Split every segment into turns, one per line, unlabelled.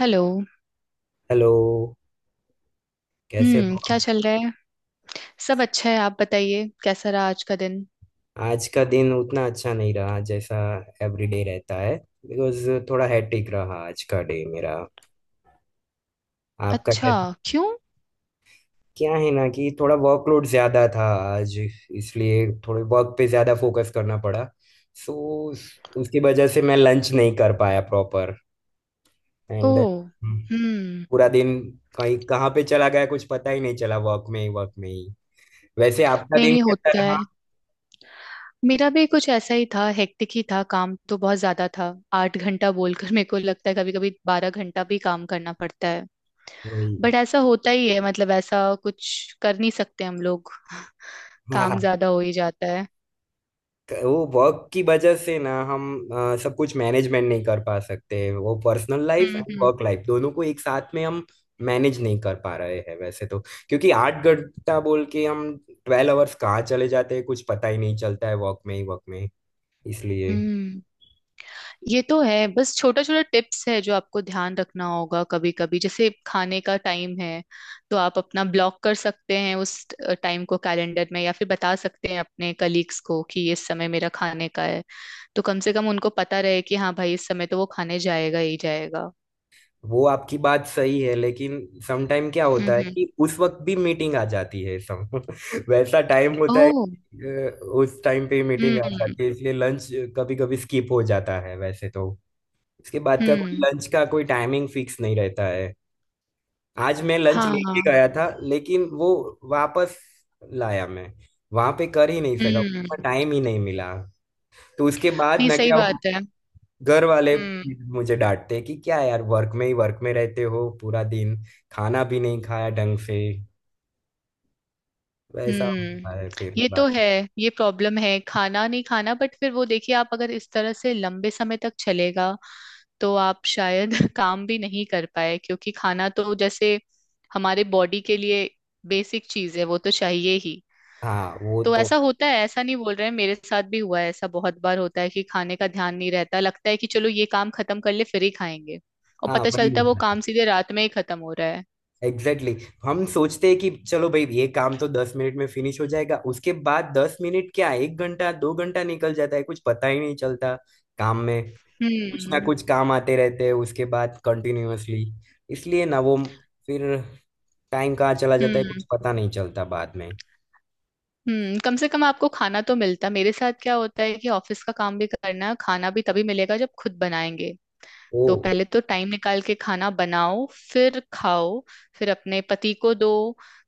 Hello.
Hello. कैसे
हम्म,
हो
क्या
आप?
चल रहा है? सब अच्छा है, आप बताइए कैसा रहा आज का दिन?
आज का दिन उतना अच्छा नहीं रहा जैसा एवरीडे रहता है, बिकॉज थोड़ा हैट्रिक रहा आज का डे मेरा। आपका
अच्छा।
क्या?
क्यों?
क्या है ना कि थोड़ा वर्कलोड ज्यादा था आज, इसलिए थोड़े वर्क पे ज्यादा फोकस करना पड़ा। सो उसकी वजह से मैं लंच नहीं कर पाया प्रॉपर एंड
ओह। हम्म।
पूरा दिन कहीं कहाँ पे चला गया कुछ पता ही नहीं चला, वर्क में ही वर्क में ही। वैसे आपका
नहीं,
दिन
नहीं
कैसा
होता है।
रहा?
मेरा भी कुछ ऐसा ही था, हेक्टिक ही था, काम तो बहुत ज्यादा था। 8 घंटा बोलकर मेरे को लगता है कभी कभी 12 घंटा भी काम करना पड़ता है।
वही।
बट ऐसा होता ही है, मतलब ऐसा कुछ कर नहीं सकते हम लोग। काम ज्यादा हो ही जाता है।
वो वर्क की वजह से ना हम सब कुछ मैनेजमेंट नहीं कर पा सकते वो, पर्सनल लाइफ
हम्म,
एंड
हम्म,
वर्क लाइफ दोनों को एक साथ में हम मैनेज नहीं कर पा रहे हैं वैसे तो। क्योंकि 8 घंटा बोल के हम 12 आवर्स कहाँ चले जाते हैं कुछ पता ही नहीं चलता है, वर्क में ही वर्क में। इसलिए
हम्म। ये तो है, बस छोटा छोटा टिप्स है जो आपको ध्यान रखना होगा। कभी कभी जैसे खाने का टाइम है तो आप अपना ब्लॉक कर सकते हैं उस टाइम को कैलेंडर में, या फिर बता सकते हैं अपने कलीग्स को कि इस समय मेरा खाने का है। तो कम से कम उनको पता रहे कि हाँ भाई इस समय तो वो खाने जाएगा ही जाएगा।
वो आपकी बात सही है लेकिन समटाइम क्या
हम्म,
होता है
हम्म।
कि उस वक्त भी मीटिंग आ जाती है सम वैसा टाइम होता है
ओह।
कि, उस टाइम पे मीटिंग आ
हम्म।
जाती है, इसलिए लंच कभी कभी स्किप हो जाता है वैसे तो। इसके बाद का कोई
हम्म।
लंच का कोई टाइमिंग फिक्स नहीं रहता है। आज मैं लंच लेके
हाँ।
गया था लेकिन वो वापस लाया मैं, वहां पे कर ही नहीं सका,
हम्म।
उतना टाइम ही नहीं मिला। तो उसके बाद
नहीं,
ना
सही
क्या वो
बात है।
घर वाले
हम्म,
मुझे डांटते कि क्या यार वर्क में ही वर्क में रहते हो पूरा दिन, खाना भी नहीं खाया ढंग से। वैसा
हम्म।
होता है फिर
ये तो
बात।
है। ये प्रॉब्लम है खाना नहीं खाना, बट फिर वो देखिए, आप अगर इस तरह से लंबे समय तक चलेगा तो आप शायद काम भी नहीं कर पाए, क्योंकि खाना तो जैसे हमारे बॉडी के लिए बेसिक चीज है, वो तो चाहिए ही।
हाँ वो
तो
तो।
ऐसा होता है, ऐसा नहीं बोल रहे हैं, मेरे साथ भी हुआ है ऐसा बहुत बार। होता है कि खाने का ध्यान नहीं रहता, लगता है कि चलो ये काम खत्म कर ले फिर ही खाएंगे, और
हाँ
पता
वही
चलता है वो
होता
काम
है।
सीधे रात में ही खत्म हो रहा है।
Exactly exactly. हम सोचते हैं कि चलो भाई ये काम तो 10 मिनट में फिनिश हो जाएगा, उसके बाद 10 मिनट क्या एक घंटा दो घंटा निकल जाता है कुछ पता ही नहीं चलता काम में। कुछ ना
हम्म,
कुछ काम आते रहते हैं उसके बाद कंटिन्यूअसली। इसलिए ना वो फिर टाइम कहाँ चला जाता है
हम्म,
कुछ पता नहीं चलता बाद में।
हम्म। कम से कम आपको खाना तो मिलता। मेरे साथ क्या होता है कि ऑफिस का काम भी करना है, खाना भी तभी मिलेगा जब खुद बनाएंगे।
ओ।
तो पहले तो टाइम निकाल के खाना बनाओ, फिर खाओ, फिर अपने पति को दो।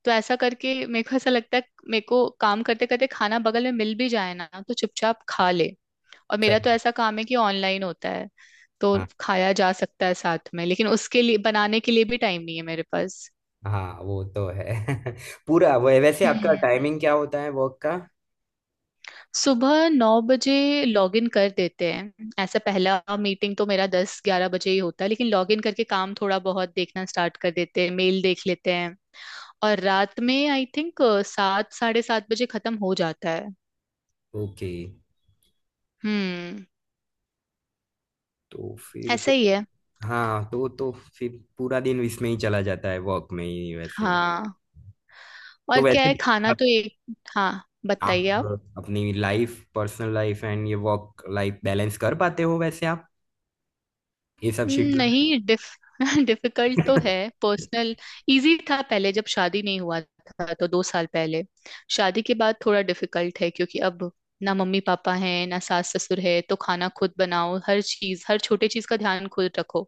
तो ऐसा करके मेरे को ऐसा लगता है, मेरे को काम करते करते खाना बगल में मिल भी जाए ना तो चुपचाप खा ले। और मेरा
सही।
तो ऐसा काम है कि ऑनलाइन होता है, तो
हाँ
खाया जा सकता है साथ में, लेकिन उसके लिए बनाने के लिए भी टाइम नहीं है मेरे पास।
हाँ वो तो है। पूरा वो। वैसे आपका
हम्म।
टाइमिंग क्या होता है वर्क का?
सुबह 9 बजे लॉग इन कर देते हैं, ऐसा पहला मीटिंग तो मेरा 10-11 बजे ही होता है, लेकिन लॉग इन करके काम थोड़ा बहुत देखना स्टार्ट कर देते हैं, मेल देख लेते हैं। और रात में आई थिंक 7 साढ़े 7 बजे खत्म हो जाता है।
ओके।
हम्म।
तो फिर
ऐसा
तो।
ही है।
हाँ तो फिर पूरा दिन इसमें ही चला जाता है वर्क में ही वैसे।
हाँ। और
तो
क्या है,
वैसे
खाना
आप,
तो एक। हाँ, बताइए आप।
आप अपनी लाइफ, पर्सनल लाइफ एंड ये वर्क लाइफ बैलेंस कर पाते हो वैसे आप ये सब शेड्यूल
नहीं डिफ डिफिकल्ट तो
में?
है। पर्सनल इजी था पहले, जब शादी नहीं हुआ था, तो 2 साल पहले शादी के बाद थोड़ा डिफिकल्ट है, क्योंकि अब ना मम्मी पापा हैं, ना सास ससुर है, तो खाना खुद बनाओ, हर चीज, हर छोटे चीज का ध्यान खुद रखो।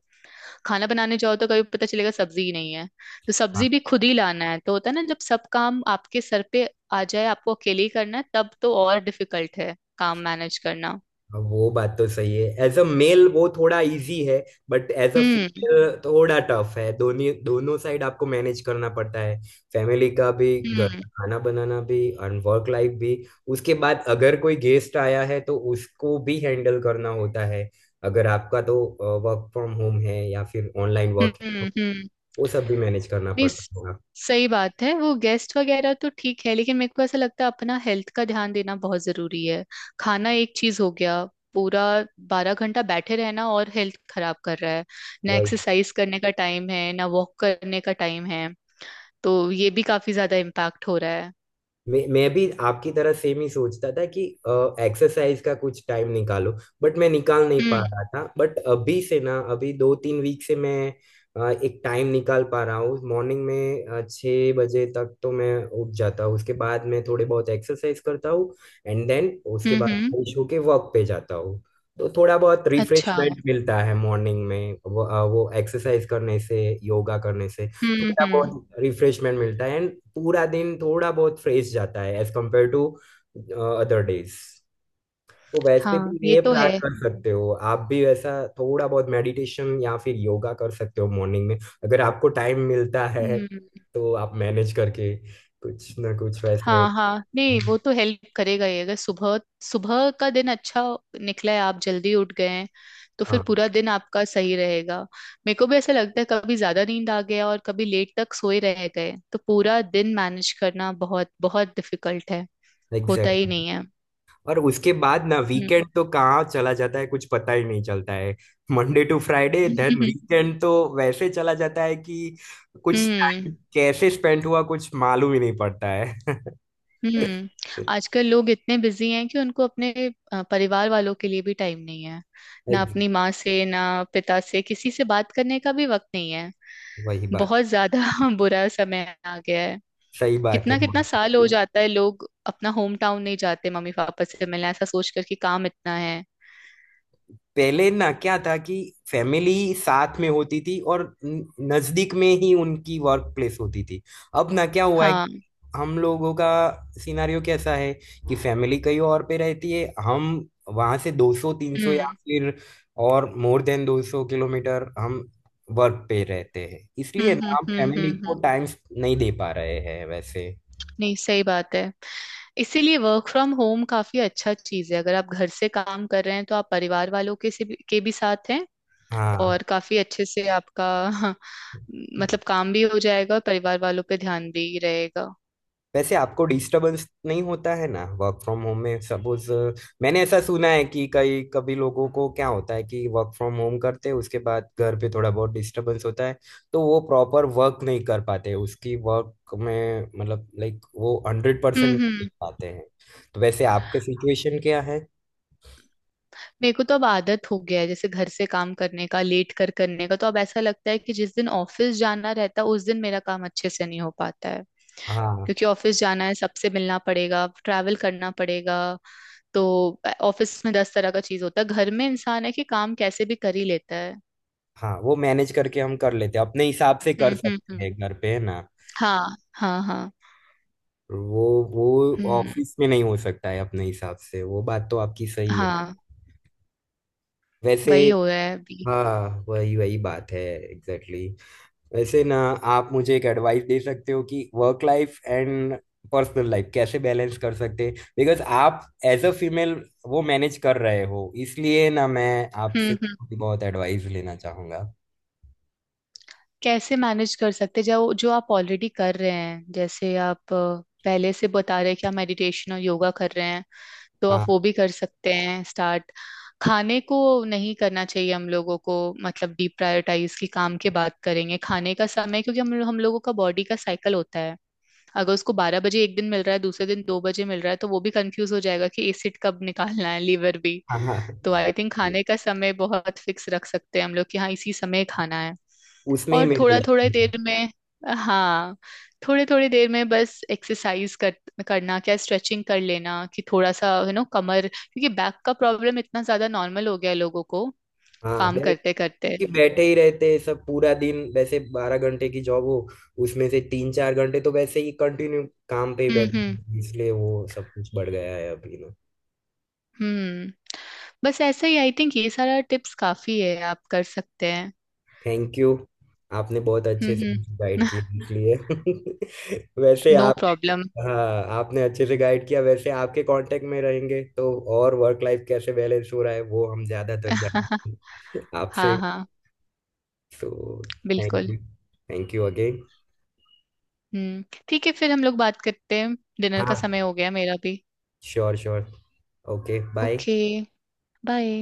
खाना बनाने जाओ तो कभी पता चलेगा सब्जी ही नहीं है, तो सब्जी भी खुद ही लाना है। तो होता है ना, जब सब काम आपके सर पे आ जाए, आपको अकेले ही करना है, तब तो और डिफिकल्ट है काम मैनेज करना।
हाँ, वो बात तो सही है। एज अ मेल वो थोड़ा इजी है, but as a
hmm,
female थोड़ा टफ है, दोनों दोनों साइड आपको मैनेज करना पड़ता है। फैमिली का भी, घर
हम्म,
का खाना बनाना भी, और वर्क लाइफ भी। उसके बाद अगर कोई गेस्ट आया है तो उसको भी हैंडल करना होता है। अगर आपका तो वर्क फ्रॉम होम है या फिर ऑनलाइन वर्क है
हम्म,
तो
हम्म।
वो सब भी मैनेज करना
नहीं
पड़ता
स-
होगा।
सही बात है, वो गेस्ट वगैरह तो ठीक है, लेकिन मेरे को ऐसा लगता है अपना हेल्थ का ध्यान देना बहुत जरूरी है। खाना एक चीज हो गया। पूरा 12 घंटा बैठे रहना और हेल्थ खराब कर रहा है। ना
Right?
एक्सरसाइज करने का टाइम है, ना वॉक करने का टाइम है, तो ये भी काफी ज्यादा इम्पैक्ट हो रहा है।
मैं भी आपकी तरह सेम ही सोचता था कि एक्सरसाइज का कुछ टाइम निकालो, बट मैं निकाल नहीं पा
हम्म,
रहा था। बट अभी से ना, अभी 2 3 वीक से मैं एक टाइम निकाल पा रहा हूँ मॉर्निंग में। 6 बजे तक तो मैं उठ जाता हूँ, उसके बाद मैं थोड़े बहुत एक्सरसाइज करता हूँ एंड देन उसके
हम्म,
बाद
हम्म।
फ्रेश होके वर्क पे जाता हूँ। तो थोड़ा बहुत
अच्छा,
रिफ्रेशमेंट मिलता है मॉर्निंग में, वो वो एक्सरसाइज करने से, योगा करने से
हम्म,
थोड़ा
हम्म।
बहुत रिफ्रेशमेंट मिलता है एंड पूरा दिन थोड़ा बहुत फ्रेश जाता है as compare to other days. तो वैसे
हाँ
भी
ये
ये
तो
प्लान
है।
कर सकते हो आप भी, वैसा थोड़ा बहुत मेडिटेशन या फिर योगा कर सकते हो मॉर्निंग में, अगर आपको टाइम मिलता है
हम्म।
तो आप मैनेज करके कुछ ना कुछ वैसे।
हाँ हाँ, नहीं वो तो हेल्प करेगा ही। अगर सुबह सुबह का दिन अच्छा निकला है, आप जल्दी उठ गए हैं, तो फिर
हाँ।
पूरा दिन आपका सही रहेगा। मेरे को भी ऐसा लगता है कभी ज्यादा नींद आ गया और कभी लेट तक सोए रह गए तो पूरा दिन मैनेज करना बहुत बहुत डिफिकल्ट है, होता ही
एग्जैक्ट।
नहीं है।
और उसके बाद ना
हम्म।
वीकेंड तो कहाँ चला जाता है कुछ पता ही नहीं चलता है। Monday to Friday then weekend तो वैसे चला जाता है कि कुछ
हम्म,
टाइम कैसे स्पेंड हुआ कुछ मालूम ही नहीं पड़ता है।
हम्म, आजकल लोग इतने बिजी हैं कि उनको अपने परिवार वालों के लिए भी टाइम नहीं है, ना
एक-
अपनी माँ से, ना पिता से, किसी से बात करने का भी वक्त नहीं।
वही बात।
बहुत ज्यादा बुरा समय आ गया है।
सही बात है।
कितना कितना साल हो जाता है लोग अपना होम टाउन नहीं जाते, मम्मी पापा से मिलने, ऐसा सोच कर कि काम इतना है।
पहले ना क्या था कि फैमिली साथ में होती थी और नजदीक में ही उनकी वर्क प्लेस होती थी। अब ना क्या हुआ है,
हाँ,
हम लोगों का सिनारियो कैसा है कि फैमिली कहीं और पे रहती है, हम वहां से 200 300 या
हम्म,
फिर और मोर देन 200 किलोमीटर हम वर्क पे रहते हैं,
हम्म,
इसलिए
हम्म,
ना हम
हम्म,
फैमिली
हम्म,
को टाइम नहीं दे पा रहे हैं वैसे।
नहीं, सही बात है। इसीलिए वर्क फ्रॉम होम काफी अच्छा चीज है, अगर आप घर से काम कर रहे हैं तो आप परिवार वालों के भी साथ हैं,
हाँ।
और काफी अच्छे से आपका हाँ, मतलब काम भी हो जाएगा और परिवार वालों पे ध्यान भी रहेगा।
वैसे आपको डिस्टरबेंस नहीं होता है ना वर्क फ्रॉम होम में? सपोज मैंने ऐसा सुना है कि कई कभी लोगों को क्या होता है कि वर्क फ्रॉम होम करते हैं, उसके बाद घर पे थोड़ा बहुत डिस्टरबेंस होता है, तो वो प्रॉपर वर्क नहीं कर पाते उसकी वर्क में, मतलब लाइक वो 100%
हम्म,
नहीं दे
हम्म।
पाते हैं। तो वैसे आपके सिचुएशन क्या है?
मेरे को तो अब आदत हो गया है जैसे घर से काम करने का, लेट कर करने का, तो अब ऐसा लगता है कि जिस दिन ऑफिस जाना रहता है उस दिन मेरा काम अच्छे से नहीं हो पाता है,
हाँ
क्योंकि ऑफिस जाना है, सबसे मिलना पड़ेगा, ट्रैवल करना पड़ेगा। तो ऑफिस में दस तरह का चीज होता है, घर में इंसान है कि काम कैसे भी कर ही लेता है।
हाँ। वो मैनेज करके हम कर लेते हैं अपने हिसाब से,
हम्म,
कर
हम्म,
सकते
हम्म।
हैं घर पे है ना।
हाँ, हाँ, हाँ।
वो वो
हम्म।
ऑफिस में नहीं हो सकता है अपने हिसाब से, वो बात तो आपकी सही है।
हाँ,
वैसे।
वही हो रहा है अभी।
हाँ। वही वही बात है एग्जैक्टली exactly. वैसे ना आप मुझे एक एडवाइस दे सकते हो कि work life and personal life कैसे बैलेंस कर सकते हैं, बिकॉज आप एज अ फीमेल वो मैनेज कर रहे हो, इसलिए ना मैं
हम्म,
आपसे
हम्म।
बहुत एडवाइस लेना चाहूंगा।
कैसे मैनेज कर सकते, जो जो आप ऑलरेडी कर रहे हैं। जैसे आप पहले से बता रहे हैं कि आप मेडिटेशन और योगा कर रहे हैं, तो आप
हाँ
वो भी कर सकते हैं स्टार्ट। खाने को नहीं करना चाहिए हम लोगों को, मतलब डिप्रायोटाइज, की काम की बात करेंगे खाने का समय, क्योंकि हम लोगों का बॉडी का साइकिल होता है। अगर उसको 12 बजे एक दिन मिल रहा है, दूसरे दिन 2 बजे मिल रहा है, तो वो भी कंफ्यूज हो जाएगा कि एसिड कब निकालना है, लीवर भी।
हाँ हाँ।
तो आई थिंक खाने का समय बहुत फिक्स रख सकते हैं हम लोग कि हाँ इसी समय खाना है।
उसमें ही
और थोड़ा
मेरा
थोड़ा
issue है।
देर में, हाँ, थोड़े थोड़े देर में बस एक्सरसाइज कर करना, क्या स्ट्रेचिंग कर लेना कि थोड़ा सा यू नो कमर, क्योंकि बैक का प्रॉब्लम इतना ज्यादा नॉर्मल हो गया है लोगों को,
हाँ
काम
बैठ
करते करते।
कि बैठे ही रहते हैं सब पूरा दिन, वैसे 12 घंटे की जॉब हो उसमें से 3 4 घंटे तो वैसे ही कंटिन्यू काम पे ही
हम्म, हम्म,
बैठे, इसलिए वो सब कुछ बढ़ गया है अभी।
हम्म। बस ऐसा ही आई थिंक ये सारा टिप्स काफी है, आप कर सकते हैं।
Thank you. आपने बहुत
हम्म,
अच्छे से गाइड
हम्म।
किया इसलिए, वैसे
नो
आप।
प्रॉब्लम।
हाँ, आपने अच्छे से गाइड किया, वैसे आपके कांटेक्ट में रहेंगे तो और वर्क लाइफ कैसे बैलेंस हो रहा है वो हम ज्यादातर जानते हैं
हाँ
आपसे।
हाँ,
तो थैंक
बिल्कुल।
यू। Thank you again.
हम्म, ठीक है फिर हम लोग बात करते हैं, डिनर का
हाँ।
समय हो गया मेरा भी।
Sure sure. Okay bye.
Okay, bye.